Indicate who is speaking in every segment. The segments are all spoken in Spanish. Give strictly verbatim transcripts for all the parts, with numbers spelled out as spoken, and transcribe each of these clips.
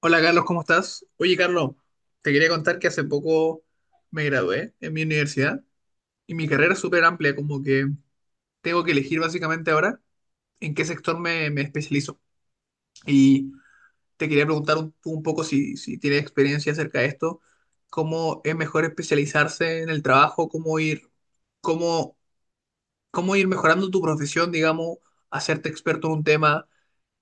Speaker 1: Hola Carlos, ¿cómo estás? Oye Carlos, te quería contar que hace poco me gradué en mi universidad y mi carrera es súper amplia, como que tengo que elegir básicamente ahora en qué sector me, me especializo. Y te quería preguntar un, un poco si, si tienes experiencia acerca de esto, cómo es mejor especializarse en el trabajo, cómo ir, cómo, cómo ir mejorando tu profesión, digamos, hacerte experto en un tema,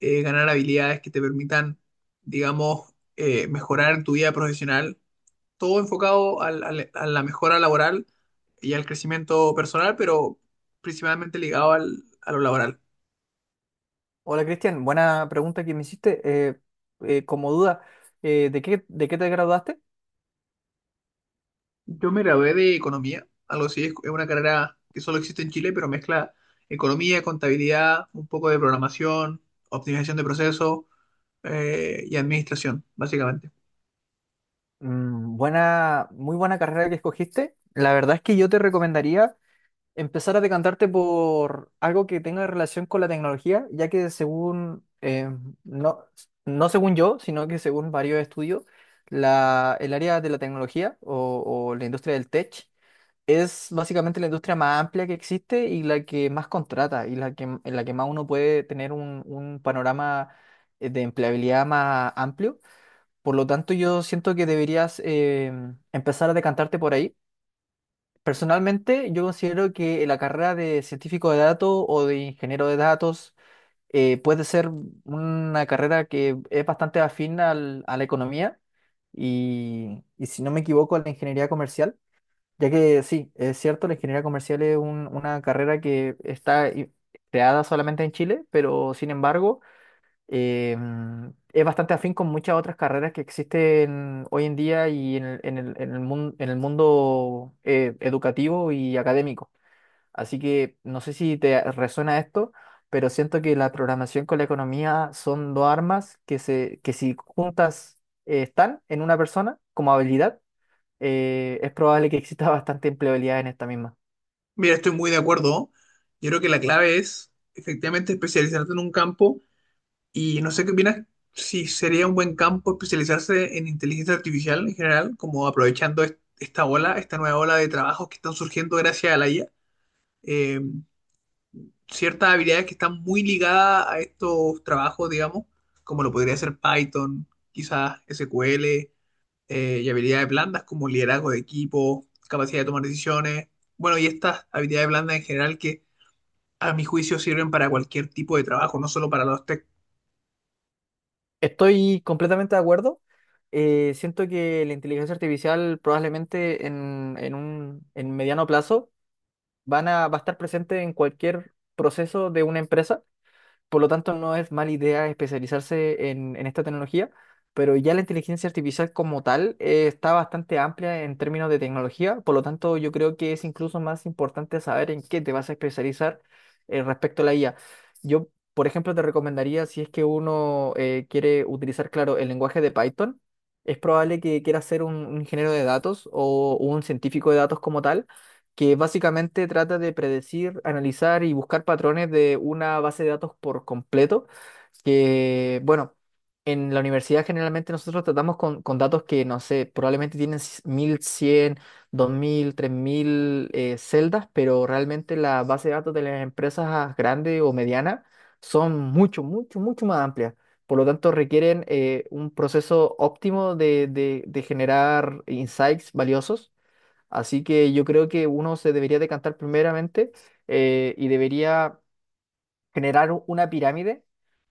Speaker 1: eh, ganar habilidades que te permitan, digamos, eh, mejorar en tu vida profesional, todo enfocado al- al- a la mejora laboral y al crecimiento personal, pero principalmente ligado al, a lo laboral.
Speaker 2: Hola Cristian, buena pregunta que me hiciste. Eh, eh, como duda, eh, ¿de qué, de qué te graduaste?
Speaker 1: Yo me gradué de economía, algo así, es es una carrera que solo existe en Chile, pero mezcla economía, contabilidad, un poco de programación, optimización de procesos, eh, y administración, básicamente.
Speaker 2: Mm, buena, muy buena carrera que escogiste. La verdad es que yo te recomendaría empezar a decantarte por algo que tenga relación con la tecnología, ya que según, eh, no, no según yo, sino que según varios estudios, la, el área de la tecnología o, o la industria del tech. Es básicamente la industria más amplia que existe y la que más contrata y la que, en la que más uno puede tener un, un panorama eh, de empleabilidad más amplio. Por lo tanto, yo siento que deberías eh, empezar a decantarte por ahí. Personalmente, yo considero que la carrera de científico de datos o de ingeniero de datos eh, puede ser una carrera que es bastante afín al- a la economía y, y, si no me equivoco, a la ingeniería comercial. Ya que sí, es cierto, la ingeniería comercial es un- una carrera que está i- creada solamente en Chile, pero sin embargo eh, mm, es bastante afín con muchas otras carreras que existen hoy en día y en el, en el, en el mun- en el mundo eh, educativo y académico. Así que no sé si te resuena esto, pero siento que la programación con la economía son dos armas que, se, que si juntas eh, están en una persona como habilidad eh, es probable que exista bastante empleabilidad en esta misma.
Speaker 1: Mira, estoy muy de acuerdo, ¿no? Yo creo que la clave es efectivamente especializarte en un campo. Y no sé qué opinas, si sería un buen campo especializarse en inteligencia artificial en general, como aprovechando est- esta ola, esta nueva ola de trabajos que están surgiendo gracias a la I A. Eh, Ciertas habilidades que están muy ligadas a estos trabajos, digamos, como lo podría ser Python, quizás S Q L, eh, y habilidades blandas como liderazgo de equipo, capacidad de tomar decisiones. Bueno, y estas habilidades blandas en general que a mi juicio sirven para cualquier tipo de trabajo, no solo para los tech.
Speaker 2: Estoy completamente de acuerdo. Eh, siento que la inteligencia artificial probablemente en, en un en mediano plazo van a, va a estar presente en cualquier proceso de una empresa. Por lo tanto, no es mala idea especializarse en, en esta tecnología, pero ya la inteligencia artificial como tal eh, está bastante amplia en términos de tecnología, por lo tanto, yo creo que es incluso más importante saber en qué te vas a especializar eh, respecto a la I A. Yo, por ejemplo, te recomendaría, si es que uno eh, quiere utilizar, claro, el lenguaje de Python, es probable que quiera ser un, un ingeniero de datos o un científico de datos como tal que básicamente trata de predecir, analizar y buscar patrones de una base de datos por completo, que, bueno, en la universidad generalmente nosotros tratamos con, con datos que, no sé, probablemente tienen c- mil cien, dos mil, tres mil eh, celdas, pero realmente la base de datos de las empresas grandes o medianas son mucho, mucho, mucho más amplias. Por lo tanto, requieren eh, un proceso óptimo de de- de generar insights valiosos. Así que yo creo que uno se debería decantar primeramente eh, y debería generar u- una pirámide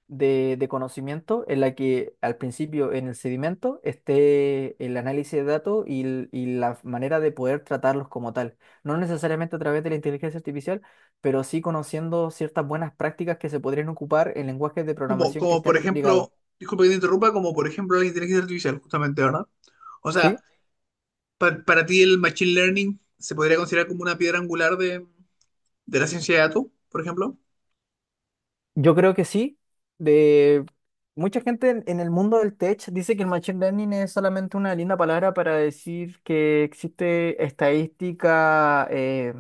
Speaker 2: de, de conocimiento en la que al principio en el sedimento esté el análisis de datos y, l- y la manera de poder tratarlos como tal. No necesariamente a través de la inteligencia artificial, pero sí conociendo ciertas buenas prácticas que se podrían ocupar en lenguajes de
Speaker 1: Como,
Speaker 2: programación que
Speaker 1: como
Speaker 2: estén
Speaker 1: por
Speaker 2: re- ligados.
Speaker 1: ejemplo, disculpa que te interrumpa, como por ejemplo la inteligencia artificial, justamente, ¿verdad? O sea,
Speaker 2: ¿Sí?
Speaker 1: pa- para ti el machine learning se podría considerar como una piedra angular de, de la ciencia de datos, por ejemplo.
Speaker 2: Yo creo que sí. De mucha gente en, en el mundo del tech dice que el machine learning es solamente una linda palabra para decir que existe estadística eh,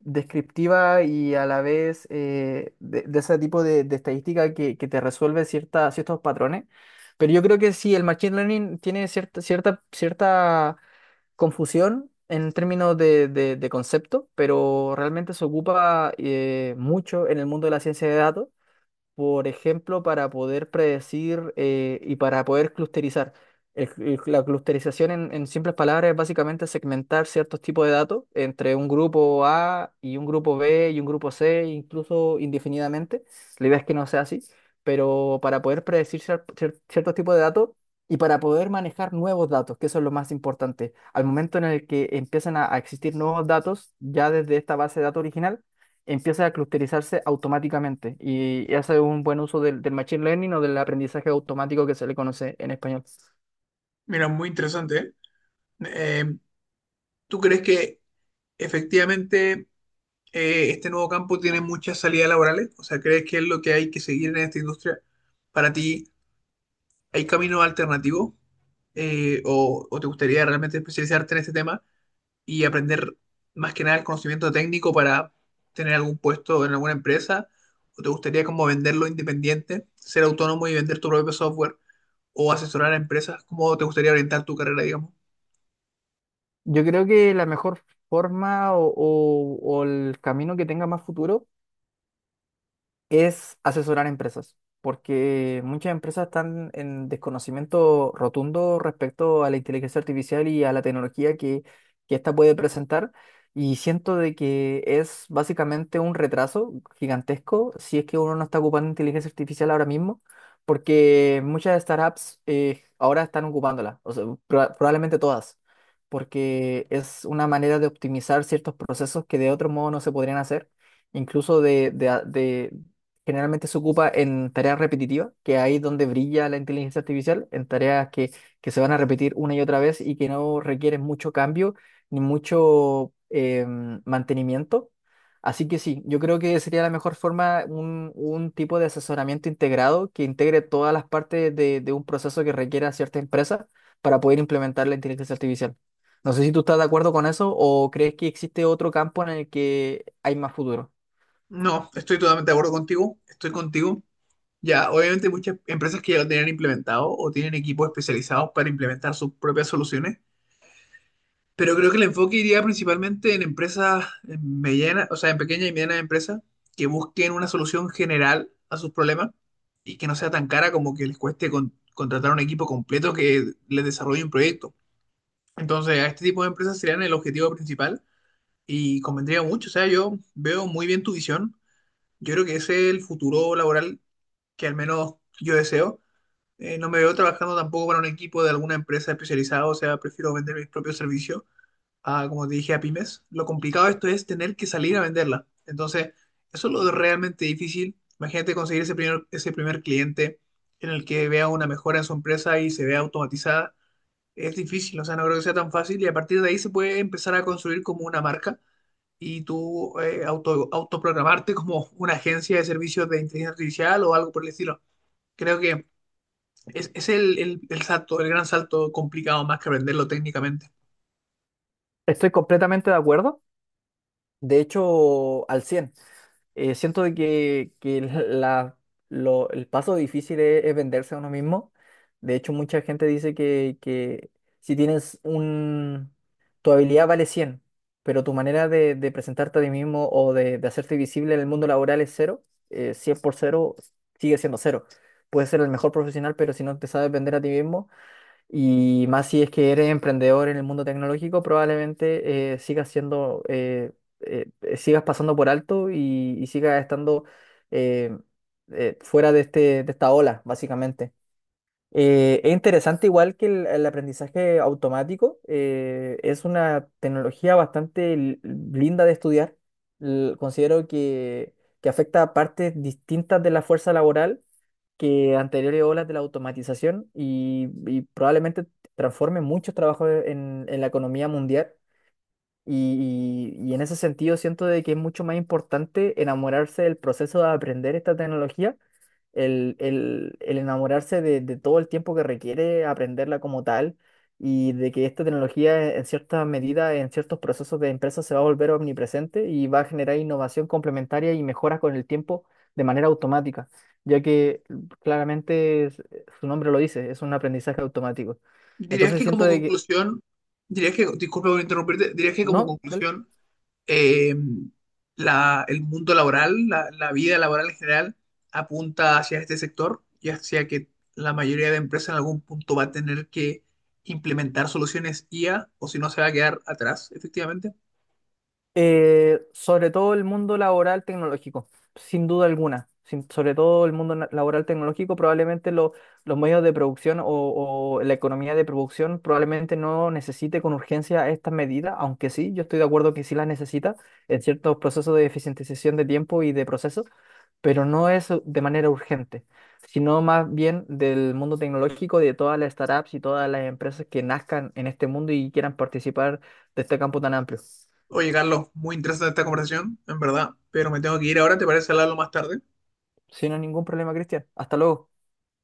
Speaker 2: descriptiva y a la vez eh, de, de ese tipo de, de estadística que, que te resuelve cierta, ciertos patrones. Pero yo creo que sí, el machine learning tiene cierta, cierta, cierta confusión en términos de, de- de concepto, pero realmente se ocupa eh, mucho en el mundo de la ciencia de datos por ejemplo, para poder predecir eh, y para poder clusterizar. El- el- la clusterización, en, en simples palabras, es básicamente segmentar ciertos tipos de datos entre un grupo A y un grupo B y un grupo C, incluso indefinidamente. La idea es que no sea así, pero para poder predecir cier- cier- ciertos tipos de datos y para poder manejar nuevos datos, que eso es lo más importante. Al momento en el que empiezan a a existir nuevos datos, ya desde esta base de datos original, empieza a clusterizarse automáticamente y hace un buen uso del, del machine learning o del aprendizaje automático que se le conoce en español.
Speaker 1: Mira, muy interesante, ¿eh? Eh, ¿Tú crees que efectivamente eh, este nuevo campo tiene muchas salidas laborales? O sea, ¿crees que es lo que hay que seguir en esta industria? Para ti, ¿hay caminos alternativos? Eh, o, ¿O te gustaría realmente especializarte en este tema y aprender más que nada el conocimiento técnico para tener algún puesto en alguna empresa? ¿O te gustaría como venderlo independiente, ser autónomo y vender tu propio software o asesorar a empresas? ¿Cómo te gustaría orientar tu carrera, digamos?
Speaker 2: Yo creo que la mejor forma o, o- o el camino que tenga más futuro es asesorar a empresas, porque muchas empresas están en desconocimiento rotundo respecto a la inteligencia artificial y a la tecnología que, que ésta puede presentar, y siento de que es básicamente un retraso gigantesco si es que uno no está ocupando inteligencia artificial ahora mismo, porque muchas startups eh, ahora están ocupándola, o sea, proba- probablemente todas. Porque es una manera de optimizar ciertos procesos que de otro modo no se podrían hacer incluso de, de, generalmente se ocupa en tareas repetitivas, que ahí es donde brilla la inteligencia artificial, en tareas que, que se van a repetir una y otra vez y que no requieren mucho cambio ni mucho eh, mantenimiento. Así que sí, yo creo que sería la mejor forma un, un tipo de asesoramiento integrado que integre todas las partes de, de un proceso que requiera cierta empresa para poder implementar la inteligencia artificial. No sé si tú estás de acuerdo con eso o crees que existe otro campo en el que hay más futuro.
Speaker 1: No, estoy totalmente de acuerdo contigo, estoy contigo. Ya, obviamente hay muchas empresas que ya lo tienen implementado o tienen equipos especializados para implementar sus propias soluciones. Pero creo que el enfoque iría principalmente en empresas medianas, o sea, en pequeñas y medianas empresas que busquen una solución general a sus problemas y que no sea tan cara como que les cueste con- contratar un equipo completo que les desarrolle un proyecto. Entonces, a este tipo de empresas serían el objetivo principal y convendría mucho. O sea, yo veo muy bien tu visión. Yo creo que ese es el futuro laboral que al menos yo deseo. Eh, no me veo trabajando tampoco para un equipo de alguna empresa especializada, o sea, prefiero vender mis propios servicios a, como te dije, a pymes. Lo complicado de esto es tener que salir a venderla. Entonces, eso es lo realmente difícil. Imagínate conseguir ese primer, ese primer cliente en el que vea una mejora en su empresa y se vea automatizada. Es difícil, o sea, no creo que sea tan fácil, y a partir de ahí se puede empezar a construir como una marca y tú eh, auto, autoprogramarte como una agencia de servicios de inteligencia artificial o algo por el estilo. Creo que es, es el, el, el salto, el gran salto complicado, más que aprenderlo técnicamente.
Speaker 2: Estoy completamente de acuerdo. De hecho, al cien. Eh, siento de que, que la, lo- el paso difícil es, es venderse a uno mismo. De hecho, mucha gente dice que, que si tienes un... tu habilidad vale cien, pero tu manera de, de presentarte a ti mismo o de, de hacerte visible en el mundo laboral es cero. eh, cien por cero sigue siendo cero. Puedes ser el mejor profesional, pero si no te sabes vender a ti mismo, y más si es que eres emprendedor en el mundo tecnológico, probablemente eh, sigas siendo, eh, eh, eh, sigas pasando por alto y, y sigas estando eh, eh, fuera de este, de esta ola, básicamente. Eh, es interesante igual que el, el aprendizaje automático, eh, es una tecnología bastante l- linda de estudiar. L- considero que, que afecta a partes distintas de la fuerza laboral que anteriores olas de la automatización y, y probablemente transforme muchos trabajos en, en la economía mundial. Y, y- y en ese sentido siento de que es mucho más importante enamorarse del proceso de aprender esta tecnología, el, el- el enamorarse de, de todo el tiempo que requiere aprenderla como tal y de que esta tecnología en cierta medida, en ciertos procesos de empresa se va a volver omnipresente y va a generar innovación complementaria y mejoras con el tiempo de manera automática, ya que claramente es- su nombre lo dice, es un aprendizaje automático.
Speaker 1: Dirías
Speaker 2: Entonces
Speaker 1: que
Speaker 2: siento
Speaker 1: como
Speaker 2: de que...
Speaker 1: conclusión, dirías que, disculpa por interrumpirte, dirías que como
Speaker 2: ¿No?
Speaker 1: conclusión, eh, la, el mundo laboral, la, la vida laboral en general, apunta hacia este sector y hacia que la mayoría de empresas en algún punto va a tener que implementar soluciones I A o si no se va a quedar atrás, efectivamente.
Speaker 2: Eh, sobre todo el mundo laboral tecnológico, sin duda alguna. Sin- sobre todo el mundo na- laboral tecnológico, probablemente lo- los medios de producción o, o la economía de producción probablemente no necesite con urgencia estas medidas, aunque sí, yo estoy de acuerdo que sí las necesita en ciertos procesos de eficientización de tiempo y de procesos, pero no es de manera urgente, sino más bien del mundo tecnológico, de todas las startups y todas las empresas que nazcan en este mundo y quieran participar de este campo tan amplio.
Speaker 1: Oye, Carlos, muy interesante esta conversación, en verdad, pero me tengo que ir ahora, ¿te parece hablarlo más tarde?
Speaker 2: Sin ningún problema, Cristian. Hasta luego.